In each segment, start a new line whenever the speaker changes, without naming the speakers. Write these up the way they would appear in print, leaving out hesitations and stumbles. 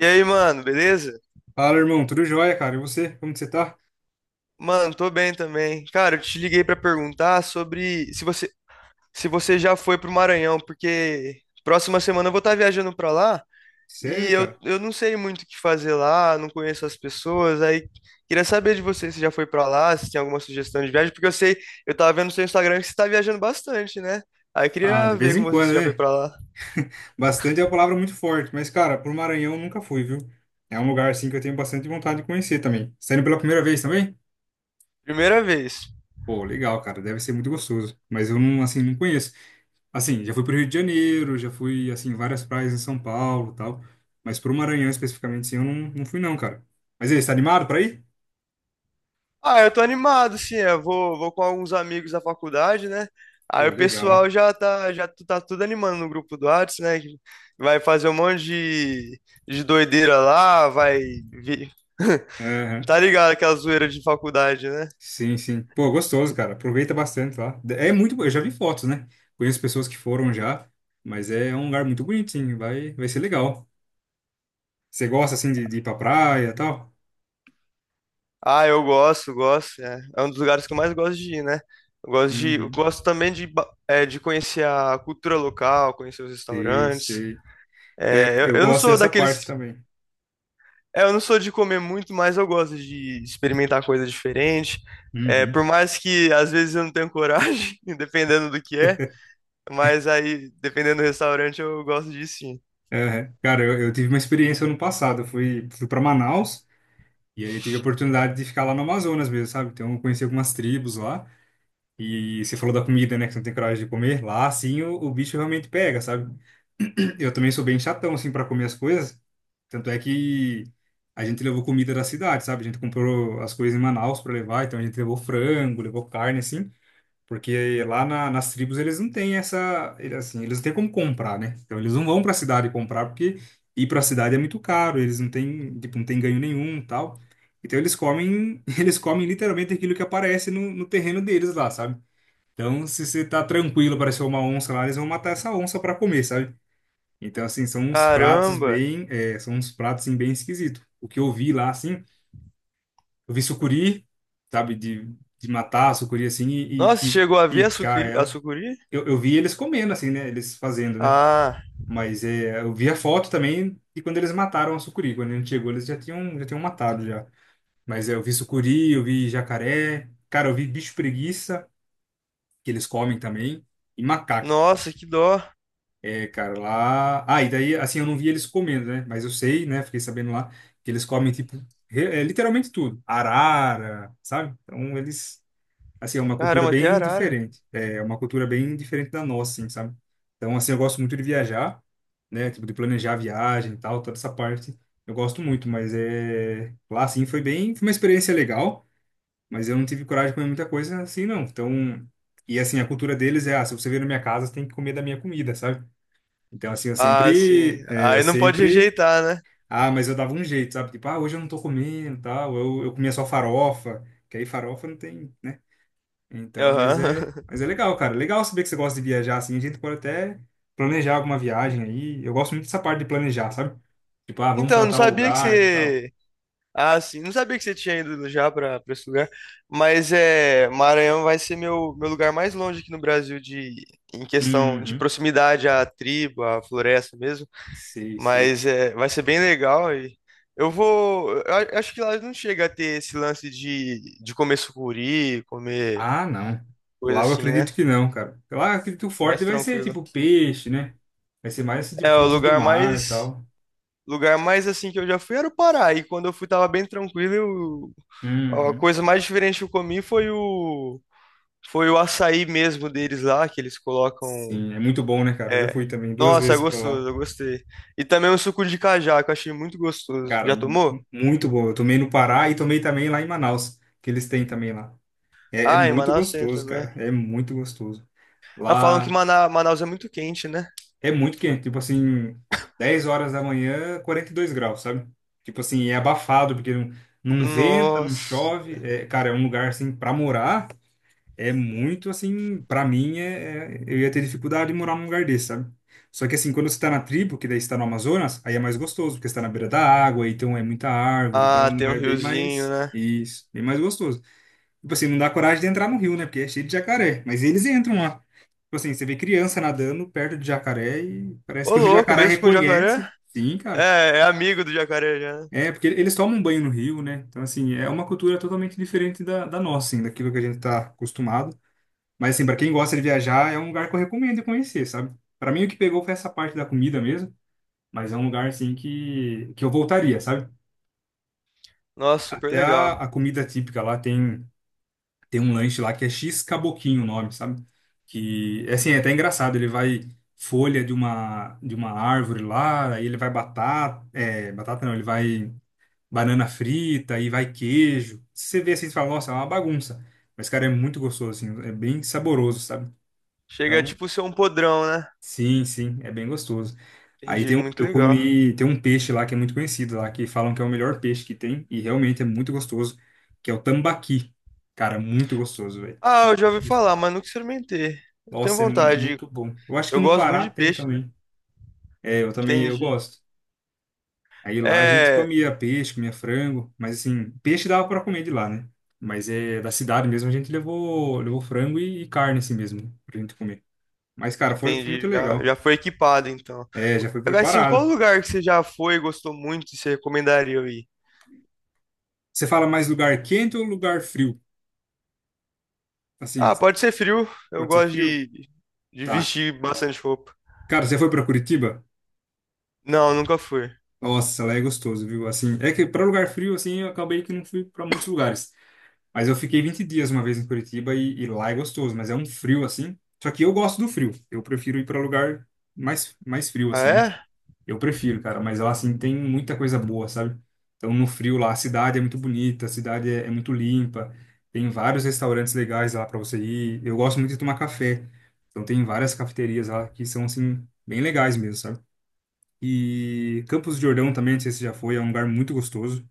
E aí, mano, beleza?
Fala, irmão, tudo jóia, cara? E você? Como que você tá?
Mano, tô bem também. Cara, eu te liguei pra perguntar sobre se você já foi pro Maranhão, porque próxima semana eu vou estar viajando pra lá e
Sério,
eu,
cara?
eu não sei muito o que fazer lá, não conheço as pessoas. Aí queria saber de você se já foi pra lá, se tem alguma sugestão de viagem, porque eu sei, eu tava vendo no seu Instagram que você tá viajando bastante, né? Aí eu
Ah,
queria
de
ver
vez
com
em
você se
quando,
já foi
né?
pra lá.
Bastante é uma palavra muito forte, mas, cara, pro Maranhão eu nunca fui, viu? É um lugar, assim, que eu tenho bastante vontade de conhecer também. Você tá indo pela primeira vez também?
Primeira vez.
Pô, legal, cara, deve ser muito gostoso. Mas eu não, assim, não conheço. Assim, já fui pro Rio de Janeiro, já fui, assim, em várias praias em São Paulo e tal. Mas pro Maranhão, especificamente, assim, eu não, não fui não, cara. Mas e aí, você tá animado pra ir?
Ah, eu tô animado, sim. Eu vou com alguns amigos da faculdade, né? Aí
Pô,
o
legal.
pessoal já tá, já tu- tá tudo animando no grupo do Whats, né? Que vai fazer um monte de doideira lá, vai. vi- Tá ligado aquela zoeira de faculdade, né?
Sim, sim. Pô, gostoso, cara. Aproveita bastante lá. É muito, eu já vi fotos, né? Conheço pessoas que foram já, mas é um lugar muito bonito, sim. Vai ser legal. Você gosta assim de ir pra praia e tal?
Ah, eu gosto, gosto. É, é um dos lugares que eu mais gosto de ir, né? Eu
Uhum.
gosto também de conhecer a cultura local, conhecer os
Sei,
restaurantes.
sei. É,
É,
eu
eu não
gosto
sou
dessa parte
daqueles.
também.
É, eu não sou de comer muito, mas eu gosto de experimentar coisa diferente. É,
Uhum.
por mais que às vezes eu não tenho coragem, dependendo do que é, mas aí, dependendo do restaurante, eu gosto de sim.
É, cara, eu tive uma experiência ano passado. Eu fui para Manaus e aí eu tive a oportunidade de ficar lá no Amazonas mesmo, sabe? Então eu conheci algumas tribos lá. E você falou da comida, né? Que você não tem coragem de comer. Lá, assim, o bicho realmente pega, sabe? Eu também sou bem chatão, assim, para comer as coisas. Tanto é que a gente levou comida da cidade, sabe? A gente comprou as coisas em Manaus para levar. Então, a gente levou frango, levou carne, assim. Porque lá nas tribos eles não têm assim, eles não têm como comprar, né? Então, eles não vão para a cidade comprar porque ir para a cidade é muito caro. Eles não têm, tipo, não têm ganho nenhum tal. Então, eles comem, eles comem literalmente aquilo que aparece no no terreno deles lá, sabe? Então, se você tá tranquilo, apareceu uma onça lá, eles vão matar essa onça para comer, sabe? Então, assim, são uns pratos
Caramba!
bem, são uns pratos assim, bem esquisitos. O que eu vi lá, assim, eu vi sucuri, sabe, de matar a sucuri assim e, e
Nossa,
pi-
chegou a ver a
picar
sucuri? A
ela.
sucuri?
Eu vi eles comendo, assim, né? Eles fazendo, né?
Ah,
Mas é, eu vi a foto também de quando eles mataram a sucuri. Quando a gente chegou, eles já tinham matado já. Mas é, eu vi sucuri, eu vi jacaré, cara, eu vi bicho preguiça, que eles comem também, e macaco.
nossa, que dó.
É, cara, lá. Ah, e daí, assim, eu não vi eles comendo, né? Mas eu sei, né? Fiquei sabendo lá que eles comem, tipo, literalmente tudo. Arara, sabe? Então, eles. Assim, é uma cultura
Caramba, até
bem
arara.
diferente. É uma cultura bem diferente da nossa, assim, sabe? Então, assim, eu gosto muito de viajar, né? Tipo, de planejar a viagem e tal, toda essa parte. Eu gosto muito, mas é. Lá, assim, foi bem. Foi uma experiência legal, mas eu não tive coragem de comer muita coisa assim, não. Então. E, assim, a cultura deles é: ah, se você vier na minha casa, você tem que comer da minha comida, sabe? Então, assim, eu
Ah, sim.
sempre, é, eu
Aí não pode
sempre,
rejeitar, né?
ah, mas eu dava um jeito, sabe? Tipo, ah, hoje eu não tô comendo, tal, eu comia só farofa, que aí farofa não tem, né? Então, mas é,
Aham.
mas é legal, cara. Legal saber que você gosta de viajar, assim, a gente pode até planejar alguma viagem aí. Eu gosto muito dessa parte de planejar, sabe? Tipo, ah, vamos
Então, eu
pra
não
tal
sabia que
lugar, tal.
você. Ah, sim. Não sabia que você tinha ido já para esse lugar. Mas é, Maranhão vai ser meu lugar mais longe aqui no Brasil de em questão de
Uhum.
proximidade à tribo, à floresta mesmo.
Sei, sei.
Mas é, vai ser bem legal e eu vou. Acho que lá não chega a ter esse lance de comer sucuri, comer
Ah, não.
coisa
Lá eu
assim, né?
acredito que não, cara. Lá eu acredito que o forte
Mais
vai ser,
tranquilo.
tipo, peixe, né? Vai ser mais, assim, tipo,
É, o
frutos do mar, e tal.
lugar mais assim que eu já fui era o Pará. E quando eu fui tava bem tranquilo. A
Uhum.
coisa mais diferente que eu comi foi o. Foi o açaí mesmo deles lá, que eles colocam.
Sim, é muito bom, né, cara? Eu já
É.
fui também duas
Nossa, é
vezes para
gostoso,
lá.
eu gostei. E também o suco de cajá, que eu achei muito gostoso.
Cara,
Já tomou?
muito bom. Eu tomei no Pará e tomei também lá em Manaus, que eles têm também lá. É
Ah, em
muito
Manaus tem
gostoso,
também.
cara. É muito gostoso.
Ah, falam que
Lá
Manaus é muito quente, né?
é muito quente, tipo assim, 10 horas da manhã, 42 graus, sabe? Tipo assim, é abafado, porque não, não venta, não
Nossa.
chove. É, cara, é um lugar assim para morar. É muito assim, pra mim, eu ia ter dificuldade em morar num lugar desse, sabe? Só que assim, quando você tá na tribo, que daí você tá no Amazonas, aí é mais gostoso, porque você tá na beira da água, então é muita árvore, então é
Ah,
um
tem um
lugar bem
riozinho,
mais,
né?
isso, bem mais gostoso. Tipo assim, não dá coragem de entrar no rio, né? Porque é cheio de jacaré, mas eles entram lá. Tipo assim, você vê criança nadando perto de jacaré e parece
Ô,
que o
louco,
jacaré
mesmo com o jacaré?
reconhece. Sim, cara.
É, é amigo do jacaré já, né?
É, porque eles tomam banho no rio, né? Então, assim, é uma cultura totalmente diferente da nossa, assim, daquilo que a gente tá acostumado. Mas assim, para quem gosta de viajar, é um lugar que eu recomendo conhecer, sabe? Para mim o que pegou foi essa parte da comida mesmo, mas é um lugar assim que eu voltaria, sabe?
Nossa, super
Até a,
legal.
a comida típica lá tem tem um lanche lá que é X Caboquinho o nome, sabe? Que é assim, é até engraçado, ele vai folha de uma árvore lá, aí ele vai batata, é, batata não, ele vai banana frita, aí vai queijo. Você vê assim e fala, nossa, é uma bagunça. Mas cara, é muito gostoso assim, é bem saboroso, sabe?
Chega a
Então
tipo ser um podrão, né?
Sim, sim, é bem gostoso. Aí
Entendi,
tem,
muito
eu
legal.
comi, tem um peixe lá que é muito conhecido lá, que falam que é o melhor peixe que tem, e realmente é muito gostoso, que é o tambaqui. Cara, muito gostoso, velho.
Ah,
Muito
eu já ouvi falar,
gostoso.
mas nunca experimentei. Eu tenho
Nossa, é
vontade.
muito bom. Eu acho que
Eu
no
gosto muito
Pará
de
tem
peixe, né?
também. É, eu também, eu
Entendi.
gosto. Aí lá a gente
É,
comia peixe, comia frango, mas assim, peixe dava para comer de lá, né? Mas é da cidade mesmo, a gente levou, levou frango e carne assim mesmo, pra gente comer. Mas, cara, foi muito
entendi. Já,
legal.
já foi equipado, então.
É, já foi
Agora, assim, qual
preparado.
lugar que você já foi, gostou muito e você recomendaria eu ir?
Você fala mais lugar quente ou lugar frio? Assim,
Ah, pode ser frio.
pode ser frio?
De
Tá.
vestir bastante roupa.
Cara, você foi pra Curitiba?
Não, nunca fui.
Nossa, lá é gostoso, viu? Assim, é que pra lugar frio, assim, eu acabei que não fui pra muitos lugares. Mas eu fiquei 20 dias uma vez em Curitiba e lá é gostoso, mas é um frio, assim. Só que eu gosto do frio. Eu prefiro ir pra lugar mais frio,
Ah,
assim, né?
é?
Eu prefiro, cara, mas lá assim tem muita coisa boa, sabe? Então no frio lá a cidade é muito bonita, a cidade é muito limpa, tem vários restaurantes legais lá para você ir. Eu gosto muito de tomar café, então tem várias cafeterias lá que são assim bem legais mesmo, sabe? E Campos do Jordão também, não sei se você já foi, é um lugar muito gostoso.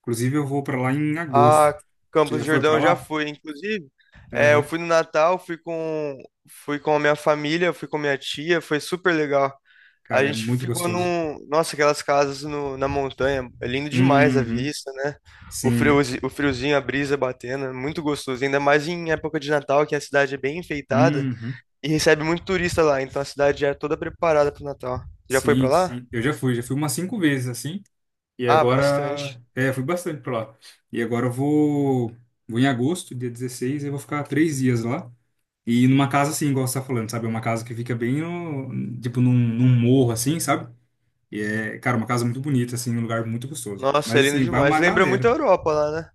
Inclusive eu vou para lá em agosto.
Ah,
Você
Campos do
já foi
Jordão
para
eu já
lá?
fui. Inclusive, é, eu
Aham.
fui no Natal, fui com a minha família, fui com minha tia, foi super legal. A
Cara, é
gente
muito
ficou
gostoso.
num. Nossa, aquelas casas na montanha. É lindo demais a
Uhum.
vista, né?
Sim.
O friozinho, a brisa batendo, é muito gostoso. Ainda mais em época de Natal, que a cidade é bem enfeitada
Uhum.
e recebe muito turista lá. Então a cidade já é toda preparada pro Natal. Já foi pra
Sim,
lá?
sim. Eu já fui umas 5 vezes assim. E
Ah, bastante.
agora, fui bastante pra lá. E agora eu vou em agosto, dia 16 eu vou ficar 3 dias lá. E numa casa assim, igual você tá falando, sabe? É uma casa que fica bem, no, tipo, num morro assim, sabe? E é, cara, uma casa muito bonita, assim, um lugar muito gostoso.
Nossa, é
Mas
lindo
assim, vai
demais.
uma
Lembra muito
galera.
a Europa lá, né?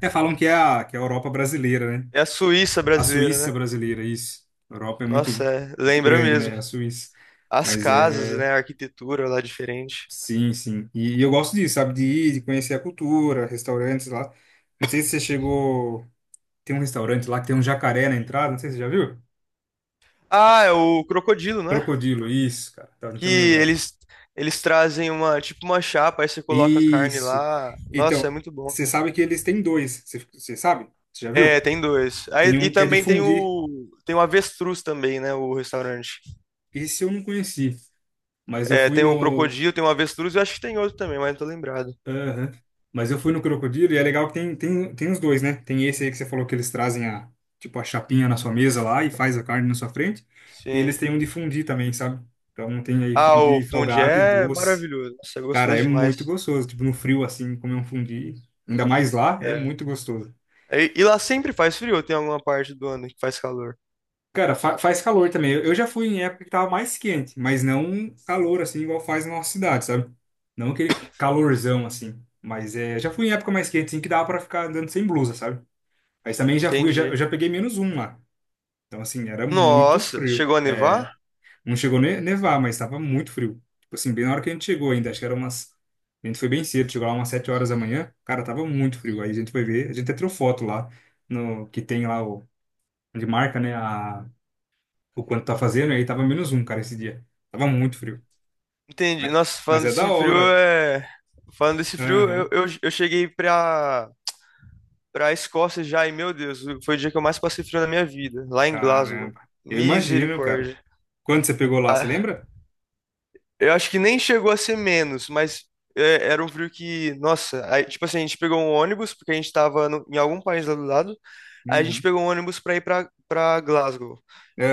É, falam que é a, Europa brasileira, né?
É a Suíça
A
brasileira,
Suíça
né?
brasileira, isso. A Europa é muito,
Nossa, é,
muito
lembra
grande,
mesmo.
né? A Suíça.
As
Mas
casas,
é.
né? A arquitetura lá é diferente.
Sim, sim. E eu gosto disso, sabe? De ir, de conhecer a cultura, restaurantes lá. Não sei se você chegou. Tem um restaurante lá que tem um jacaré na entrada, não sei se você já viu.
Ah, é o crocodilo, né?
Crocodilo, isso, cara. Tava
Que
tentando lembrar.
eles trazem uma, tipo uma chapa, aí você coloca a carne
Isso.
lá. Nossa, é
Então,
muito bom.
você sabe que eles têm dois. Você sabe? Você já
É,
viu?
tem dois. Aí,
Tem
e
um que é de
também tem
fundir.
o. Tem o avestruz também, né, o restaurante.
Esse eu não conheci, mas eu
É,
fui
tem o
no,
crocodilo, tem o avestruz, eu acho que tem outro também, mas não tô lembrado.
Aham. Mas eu fui no Crocodilo e é legal que tem os dois, né? Tem esse aí que você falou que eles trazem a, tipo, a chapinha na sua mesa lá e faz a carne na sua frente. E eles
Sim.
têm um de fundi também, sabe? Então tem aí
Ah, o
fundi
fundi
salgado e
é
doce.
maravilhoso. Nossa, é
Cara,
gostoso
é
demais.
muito gostoso. Tipo, no frio assim, comer um fundi, ainda mais lá, é
É.
muito gostoso.
E, e lá sempre faz frio, ou tem alguma parte do ano que faz calor.
Cara, fa faz calor também. Eu já fui em época que tava mais quente, mas não calor assim, igual faz na nossa cidade, sabe? Não aquele calorzão assim. Mas é, já fui em época mais quente, assim, que dava pra ficar andando sem blusa, sabe? Mas também já fui, eu já, eu
Entendi.
já peguei -1 lá. Então, assim, era muito
Nossa,
frio.
chegou a
É,
nevar?
não chegou a nevar, mas estava muito frio. Tipo assim, bem na hora que a gente chegou ainda, acho que era umas. A gente foi bem cedo, chegou lá umas 7 horas da manhã. Cara, tava muito frio. Aí a gente foi ver, a gente até tirou foto lá, no, que tem lá o, onde marca, né, a, o quanto tá fazendo. E aí tava -1, cara, esse dia. Tava muito frio.
Entendi.
Mas,
Nossa,
mas
falando
é da
desse frio
hora.
é. Falando desse frio, eu,
Aham.
eu, eu cheguei pra Escócia já, e meu Deus, foi o dia que eu mais passei frio na minha vida, lá em Glasgow.
Caramba. Eu imagino, cara.
Misericórdia.
Quando você pegou lá, você
Ah,
lembra?
eu acho que nem chegou a ser menos, mas é, era um frio que, nossa, aí, tipo assim, a gente pegou um ônibus, porque a gente tava em algum país lá do lado, aí a gente
Uhum.
pegou um ônibus pra ir pra Glasgow.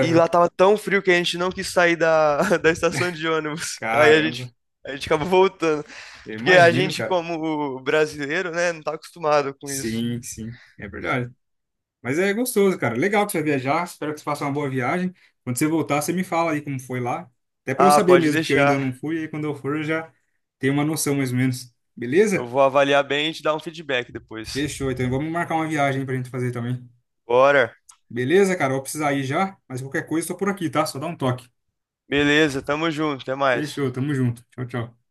E lá tava tão frio que a gente não quis sair da, da estação de ônibus.
Caramba.
A gente acabou voltando.
Eu
Porque a
imagino,
gente,
cara.
como brasileiro, né, não tá acostumado com isso.
Sim, sim, é verdade. Mas é gostoso, cara. Legal que você vai viajar. Espero que você faça uma boa viagem. Quando você voltar, você me fala aí como foi lá. Até para eu
Ah,
saber
pode
mesmo, porque eu ainda
deixar.
não fui. E aí quando eu for, eu já tenho uma noção mais ou menos.
Eu
Beleza?
vou avaliar bem e te dar um feedback depois.
Fechou. Então vamos marcar uma viagem pra gente fazer também.
Bora.
Beleza, cara? Eu vou precisar ir já. Mas qualquer coisa, estou por aqui, tá? Só dá um toque.
Beleza, tamo junto, até mais.
Fechou. Tamo junto. Tchau, tchau.